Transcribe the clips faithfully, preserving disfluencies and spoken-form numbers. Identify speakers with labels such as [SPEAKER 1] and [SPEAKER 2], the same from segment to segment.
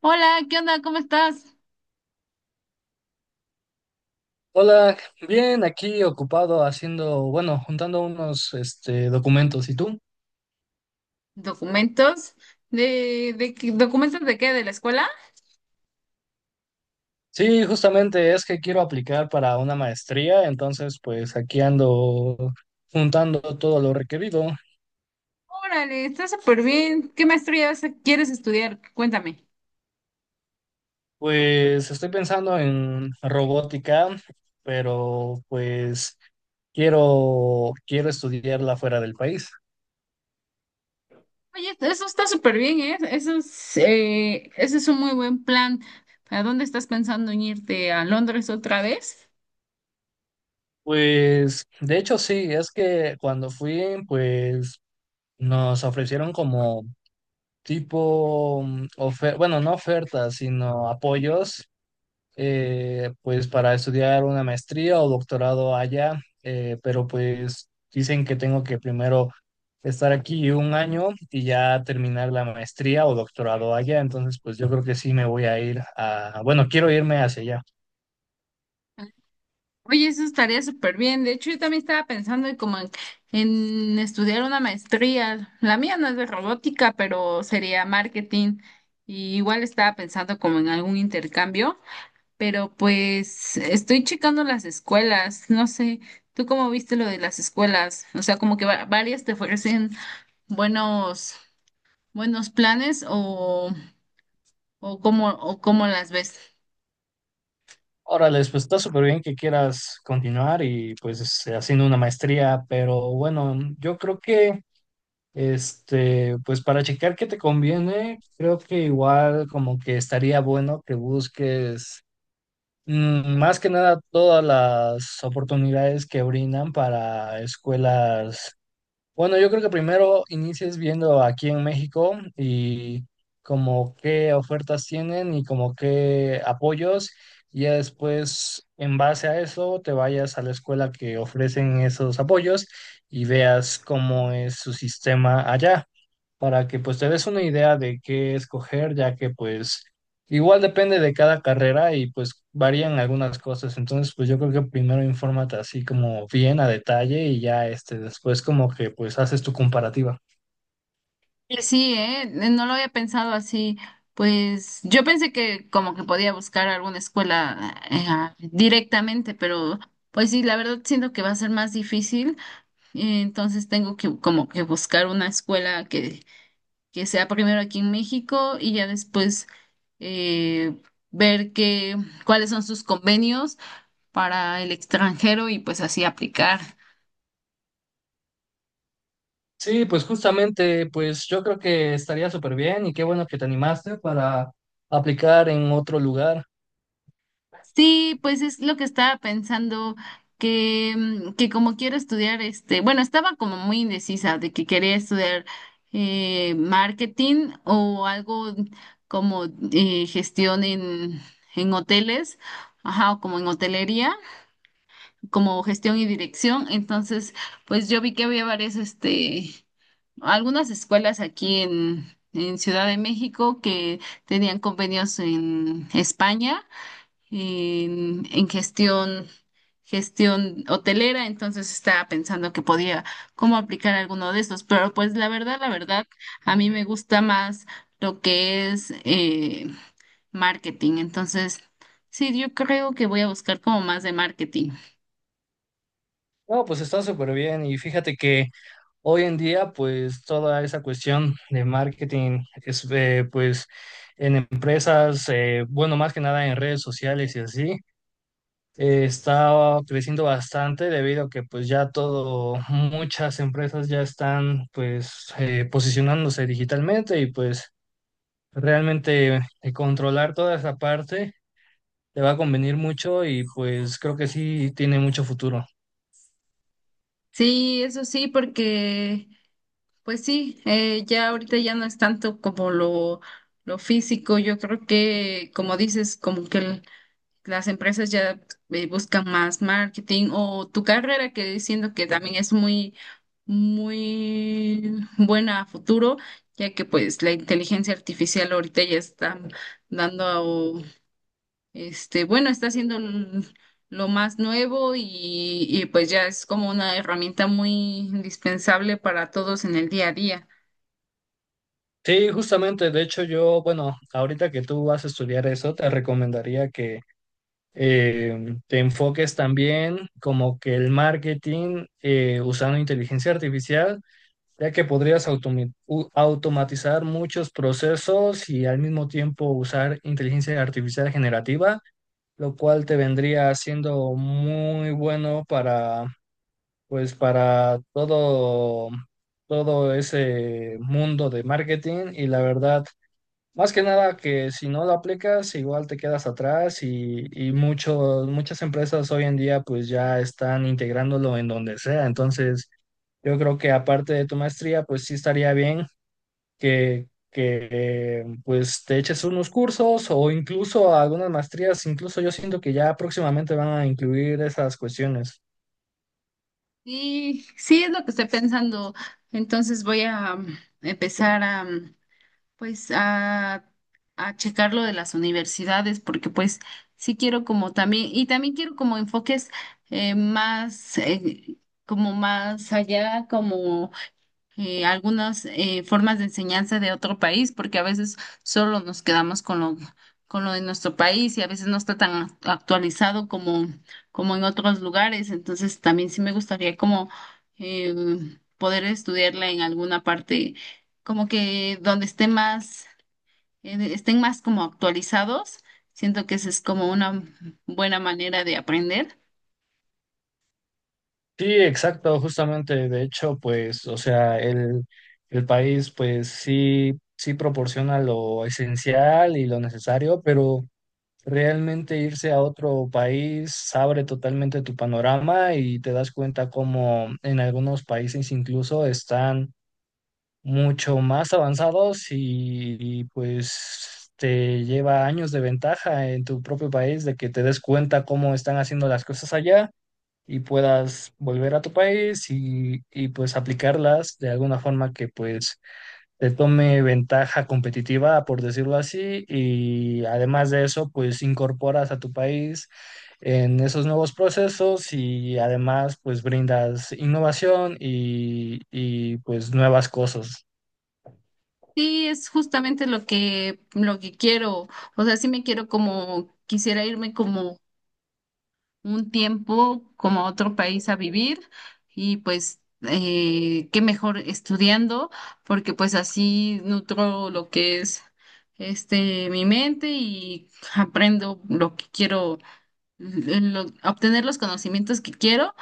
[SPEAKER 1] Hola, ¿qué onda? ¿Cómo estás?
[SPEAKER 2] Hola, bien, aquí ocupado haciendo, bueno, juntando unos este, documentos. ¿Y tú?
[SPEAKER 1] ¿Documentos? ¿De, de qué- documentos de qué? ¿De la escuela?
[SPEAKER 2] Sí, justamente es que quiero aplicar para una maestría, entonces pues aquí ando juntando todo lo requerido.
[SPEAKER 1] Órale, está súper bien. ¿Qué maestría vas a- quieres estudiar? Cuéntame.
[SPEAKER 2] Pues estoy pensando en robótica, pero pues quiero, quiero estudiarla fuera del país.
[SPEAKER 1] Oye, eso está súper bien, ¿eh? Eso es, eh, ese es un muy buen plan. ¿A dónde estás pensando en irte? ¿A Londres otra vez?
[SPEAKER 2] Pues de hecho sí, es que cuando fui, pues nos ofrecieron como tipo mm, ofer bueno, no ofertas, sino apoyos, eh, pues para estudiar una maestría o doctorado allá, eh, pero pues dicen que tengo que primero estar aquí un año y ya terminar la maestría o doctorado allá, entonces pues yo creo que sí me voy a ir a, bueno, quiero irme hacia allá.
[SPEAKER 1] Oye, eso estaría súper bien. De hecho, yo también estaba pensando en como en, en estudiar una maestría. La mía no es de robótica, pero sería marketing. Y igual estaba pensando como en algún intercambio. Pero pues estoy checando las escuelas, no sé, ¿tú cómo viste lo de las escuelas? O sea, como que va- varias te ofrecen buenos, buenos planes o, o cómo, o cómo las ves.
[SPEAKER 2] Órale, pues está súper bien que quieras continuar y pues este, haciendo una maestría, pero bueno, yo creo que... Este, pues para checar qué te conviene, creo que igual como que estaría bueno que busques, mm, más que nada todas las oportunidades que brindan para escuelas. Bueno, yo creo que primero inicies viendo aquí en México y como qué ofertas tienen y como qué apoyos, y ya después en base a eso te vayas a la escuela que ofrecen esos apoyos y veas cómo es su sistema allá, para que pues te des una idea de qué escoger, ya que pues igual depende de cada carrera y pues varían algunas cosas. Entonces, pues yo creo que primero infórmate así como bien a detalle y ya este después como que pues haces tu comparativa.
[SPEAKER 1] Y sí, eh, no lo había pensado así. Pues yo pensé que como que podía buscar alguna escuela eh, directamente, pero pues sí, la verdad siento que va a ser más difícil, eh, entonces tengo que como que buscar una escuela que que sea primero aquí en México y ya después, eh, ver qué, cuáles son sus convenios para el extranjero y pues así aplicar.
[SPEAKER 2] Sí, pues justamente, pues yo creo que estaría súper bien y qué bueno que te animaste para aplicar en otro lugar.
[SPEAKER 1] Sí, pues es lo que estaba pensando que, mm, que como quiero estudiar este, bueno, estaba como muy indecisa de que quería estudiar, eh, marketing o algo como, eh, gestión en, en hoteles, ajá, o como en hotelería, como gestión y dirección. Entonces, pues yo vi que había varias, este, algunas escuelas aquí en, en Ciudad de México que tenían convenios en España, en, en gestión, gestión hotelera. Entonces estaba pensando que podía cómo aplicar alguno de estos. Pero pues la verdad, la verdad, a mí me gusta más lo que es, eh, marketing. Entonces, sí, yo creo que voy a buscar como más de marketing.
[SPEAKER 2] No, pues está súper bien y fíjate que hoy en día pues toda esa cuestión de marketing es, eh, pues en empresas, eh, bueno, más que nada en redes sociales y así, eh, está creciendo bastante debido a que pues ya todo, muchas empresas ya están pues, eh, posicionándose digitalmente, y pues realmente, eh, controlar toda esa parte te va a convenir mucho y pues creo que sí tiene mucho futuro.
[SPEAKER 1] Sí, eso sí, porque pues sí, eh, ya ahorita ya no es tanto como lo, lo físico. Yo creo que, como dices, como que el- las empresas ya, eh, buscan más marketing, o tu carrera, que diciendo que también es muy, muy buena a futuro, ya que pues la inteligencia artificial ahorita ya está dando este, bueno, está haciendo l- lo más nuevo, y, y pues ya es como una herramienta muy indispensable para todos en el día a día.
[SPEAKER 2] Sí, justamente, de hecho yo, bueno, ahorita que tú vas a estudiar eso, te recomendaría que, eh, te enfoques también como que el marketing, eh, usando inteligencia artificial, ya que podrías automi- u- automatizar muchos procesos y al mismo tiempo usar inteligencia artificial generativa, lo cual te vendría siendo muy bueno para, pues, para todo, todo ese mundo de marketing. Y la verdad, más que nada que si no lo aplicas, igual te quedas atrás y, y muchos, muchas empresas hoy en día pues ya están integrándolo en donde sea. Entonces, yo creo que aparte de tu maestría, pues sí estaría bien que, que pues te eches unos cursos o incluso algunas maestrías. Incluso yo siento que ya próximamente van a incluir esas cuestiones.
[SPEAKER 1] Y sí, es lo que estoy pensando. Entonces voy a, mm, empezar a, mm, pues, a, a checar lo de las universidades, porque pues sí quiero como también, y también quiero como enfoques, eh, más, eh, como más allá, como, eh, algunas, eh, formas de enseñanza de otro país, porque a veces solo nos quedamos con lo, con lo de nuestro país y a veces no está tan act- actualizado como, como en otros lugares. Entonces también sí me gustaría como, eh, poder estudiarla en alguna parte, como que donde esté más, eh, estén más como actualizados. Siento que esa es como una buena manera de aprender.
[SPEAKER 2] Sí, exacto, justamente. De hecho, pues, o sea, el, el país, pues sí, sí proporciona lo esencial y lo necesario, pero realmente irse a otro país abre totalmente tu panorama y te das cuenta como en algunos países incluso están mucho más avanzados y, y, pues te lleva años de ventaja en tu propio país de que te des cuenta cómo están haciendo las cosas allá, y puedas volver a tu país y, y, pues aplicarlas de alguna forma que pues te tome ventaja competitiva, por decirlo así, y además de eso pues incorporas a tu país en esos nuevos procesos, y además pues brindas innovación y, y pues nuevas cosas.
[SPEAKER 1] Sí, es justamente lo que, lo que quiero. O sea, sí me quiero como, quisiera irme como un tiempo, como a otro país a vivir y pues, eh, qué mejor estudiando, porque pues así nutro lo que es este mi mente y aprendo lo que quiero, lo- obtener los conocimientos que quiero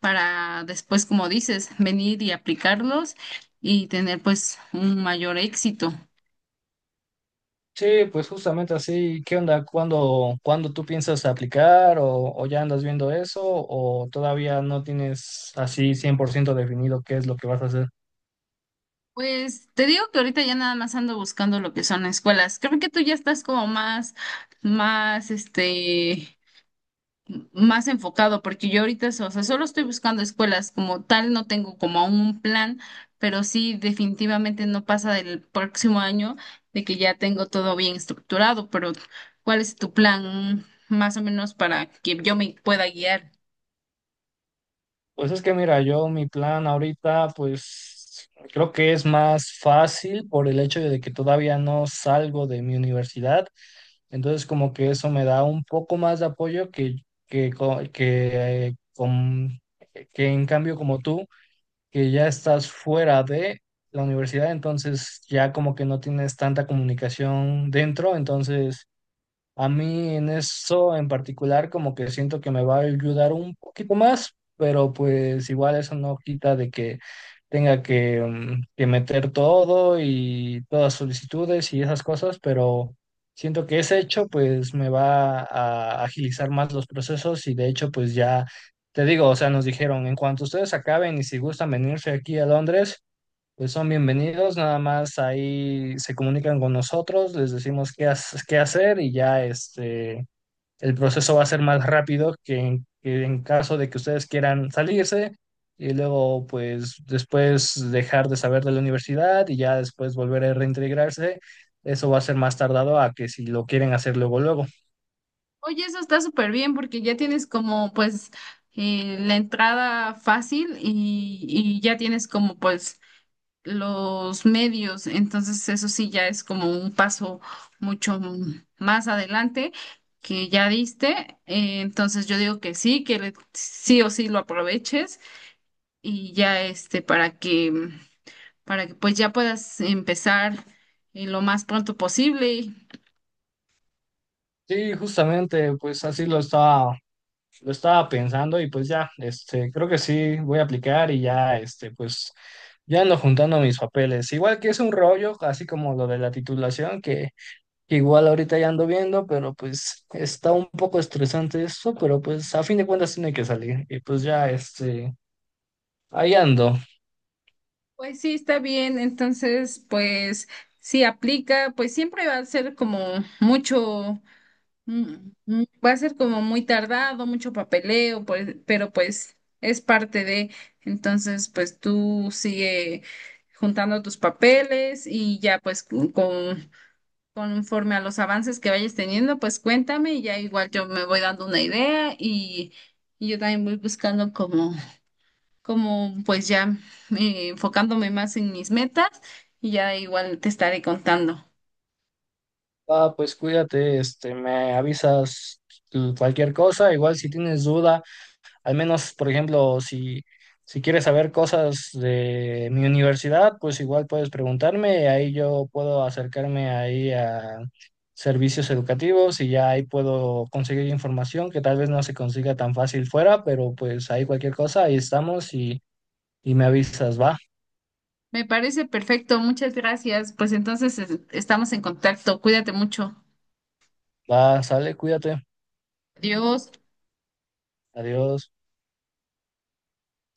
[SPEAKER 1] para después, como dices, venir y aplicarlos y tener pues un mayor éxito.
[SPEAKER 2] Sí, pues justamente así, ¿qué onda? ¿Cuándo, cuándo tú piensas aplicar, o, o ya andas viendo eso, o todavía no tienes así cien por ciento definido qué es lo que vas a hacer?
[SPEAKER 1] Pues te digo que ahorita ya nada más ando buscando lo que son escuelas. Creo que tú ya estás como más, más, este, más enfocado, porque yo ahorita, o sea, solo estoy buscando escuelas como tal, no tengo como aún un plan, pero sí definitivamente no pasa del próximo año de que ya tengo todo bien estructurado, pero ¿cuál es tu plan más o menos para que yo me pueda guiar?
[SPEAKER 2] Pues es que mira, yo mi plan ahorita pues creo que es más fácil por el hecho de que todavía no salgo de mi universidad, entonces como que eso me da un poco más de apoyo que, que, co- que, eh, con- que en cambio como tú. Que ya estás fuera de la universidad, entonces ya como que no tienes tanta comunicación dentro, entonces a mí en eso en particular como que siento que me va a ayudar un poquito más, pero pues igual eso no quita de que tenga que, mm, que meter todo y todas solicitudes y esas cosas, pero siento que ese hecho pues me va a agilizar más los procesos, y de hecho pues ya te digo, o sea, nos dijeron, en cuanto ustedes acaben y si gustan venirse aquí a Londres, pues son bienvenidos, nada más ahí se comunican con nosotros, les decimos qué, has- qué hacer, y ya este, el proceso va a ser más rápido que en, que en caso de que ustedes quieran salirse y luego pues después dejar de saber de la universidad y ya después volver a reintegrarse. Eso va a ser más tardado a que si lo quieren hacer luego luego.
[SPEAKER 1] Oye, eso está súper bien porque ya tienes como pues, eh, la entrada fácil, y, y ya tienes como pues los medios, entonces eso sí ya es como un paso mucho, mm, más adelante que ya diste. Eh, entonces yo digo que sí, que le- sí o sí lo aproveches, y ya este para que, para que pues ya puedas empezar, eh, lo más pronto posible.
[SPEAKER 2] Sí, justamente, pues así lo está Lo estaba pensando, y pues ya, este, creo que sí voy a aplicar, y ya, este, pues ya ando juntando mis papeles. Igual que es un rollo, así como lo de la titulación, que, que igual ahorita ya ando viendo, pero pues está un poco estresante eso, pero pues a fin de cuentas tiene que salir. Y pues ya, este, ahí ando.
[SPEAKER 1] Pues sí, está bien. Entonces, pues sí aplica, pues siempre va a ser como mucho, mm, mm, va a ser como muy tardado, mucho papeleo, pues, pero pues es parte de, entonces, pues tú sigue juntando tus papeles y ya pues con, con- conforme a los avances que vayas teniendo, pues cuéntame y ya igual yo me voy dando una idea, y, y yo también voy buscando como como pues ya, eh, enfocándome más en mis metas, y ya igual te estaré contando.
[SPEAKER 2] Ah, pues cuídate, este, me avisas tu- cualquier cosa, igual si tienes duda. Al menos, por ejemplo, si, si quieres saber cosas de mi universidad, pues igual puedes preguntarme, y ahí yo puedo acercarme ahí a servicios educativos, y ya ahí puedo conseguir información que tal vez no se consiga tan fácil fuera, pero pues ahí cualquier cosa, ahí estamos, y, y me avisas, va,
[SPEAKER 1] Me parece perfecto, muchas gracias. Pues entonces es- estamos en contacto. Cuídate mucho.
[SPEAKER 2] va, sale, cuídate,
[SPEAKER 1] Adiós.
[SPEAKER 2] adiós.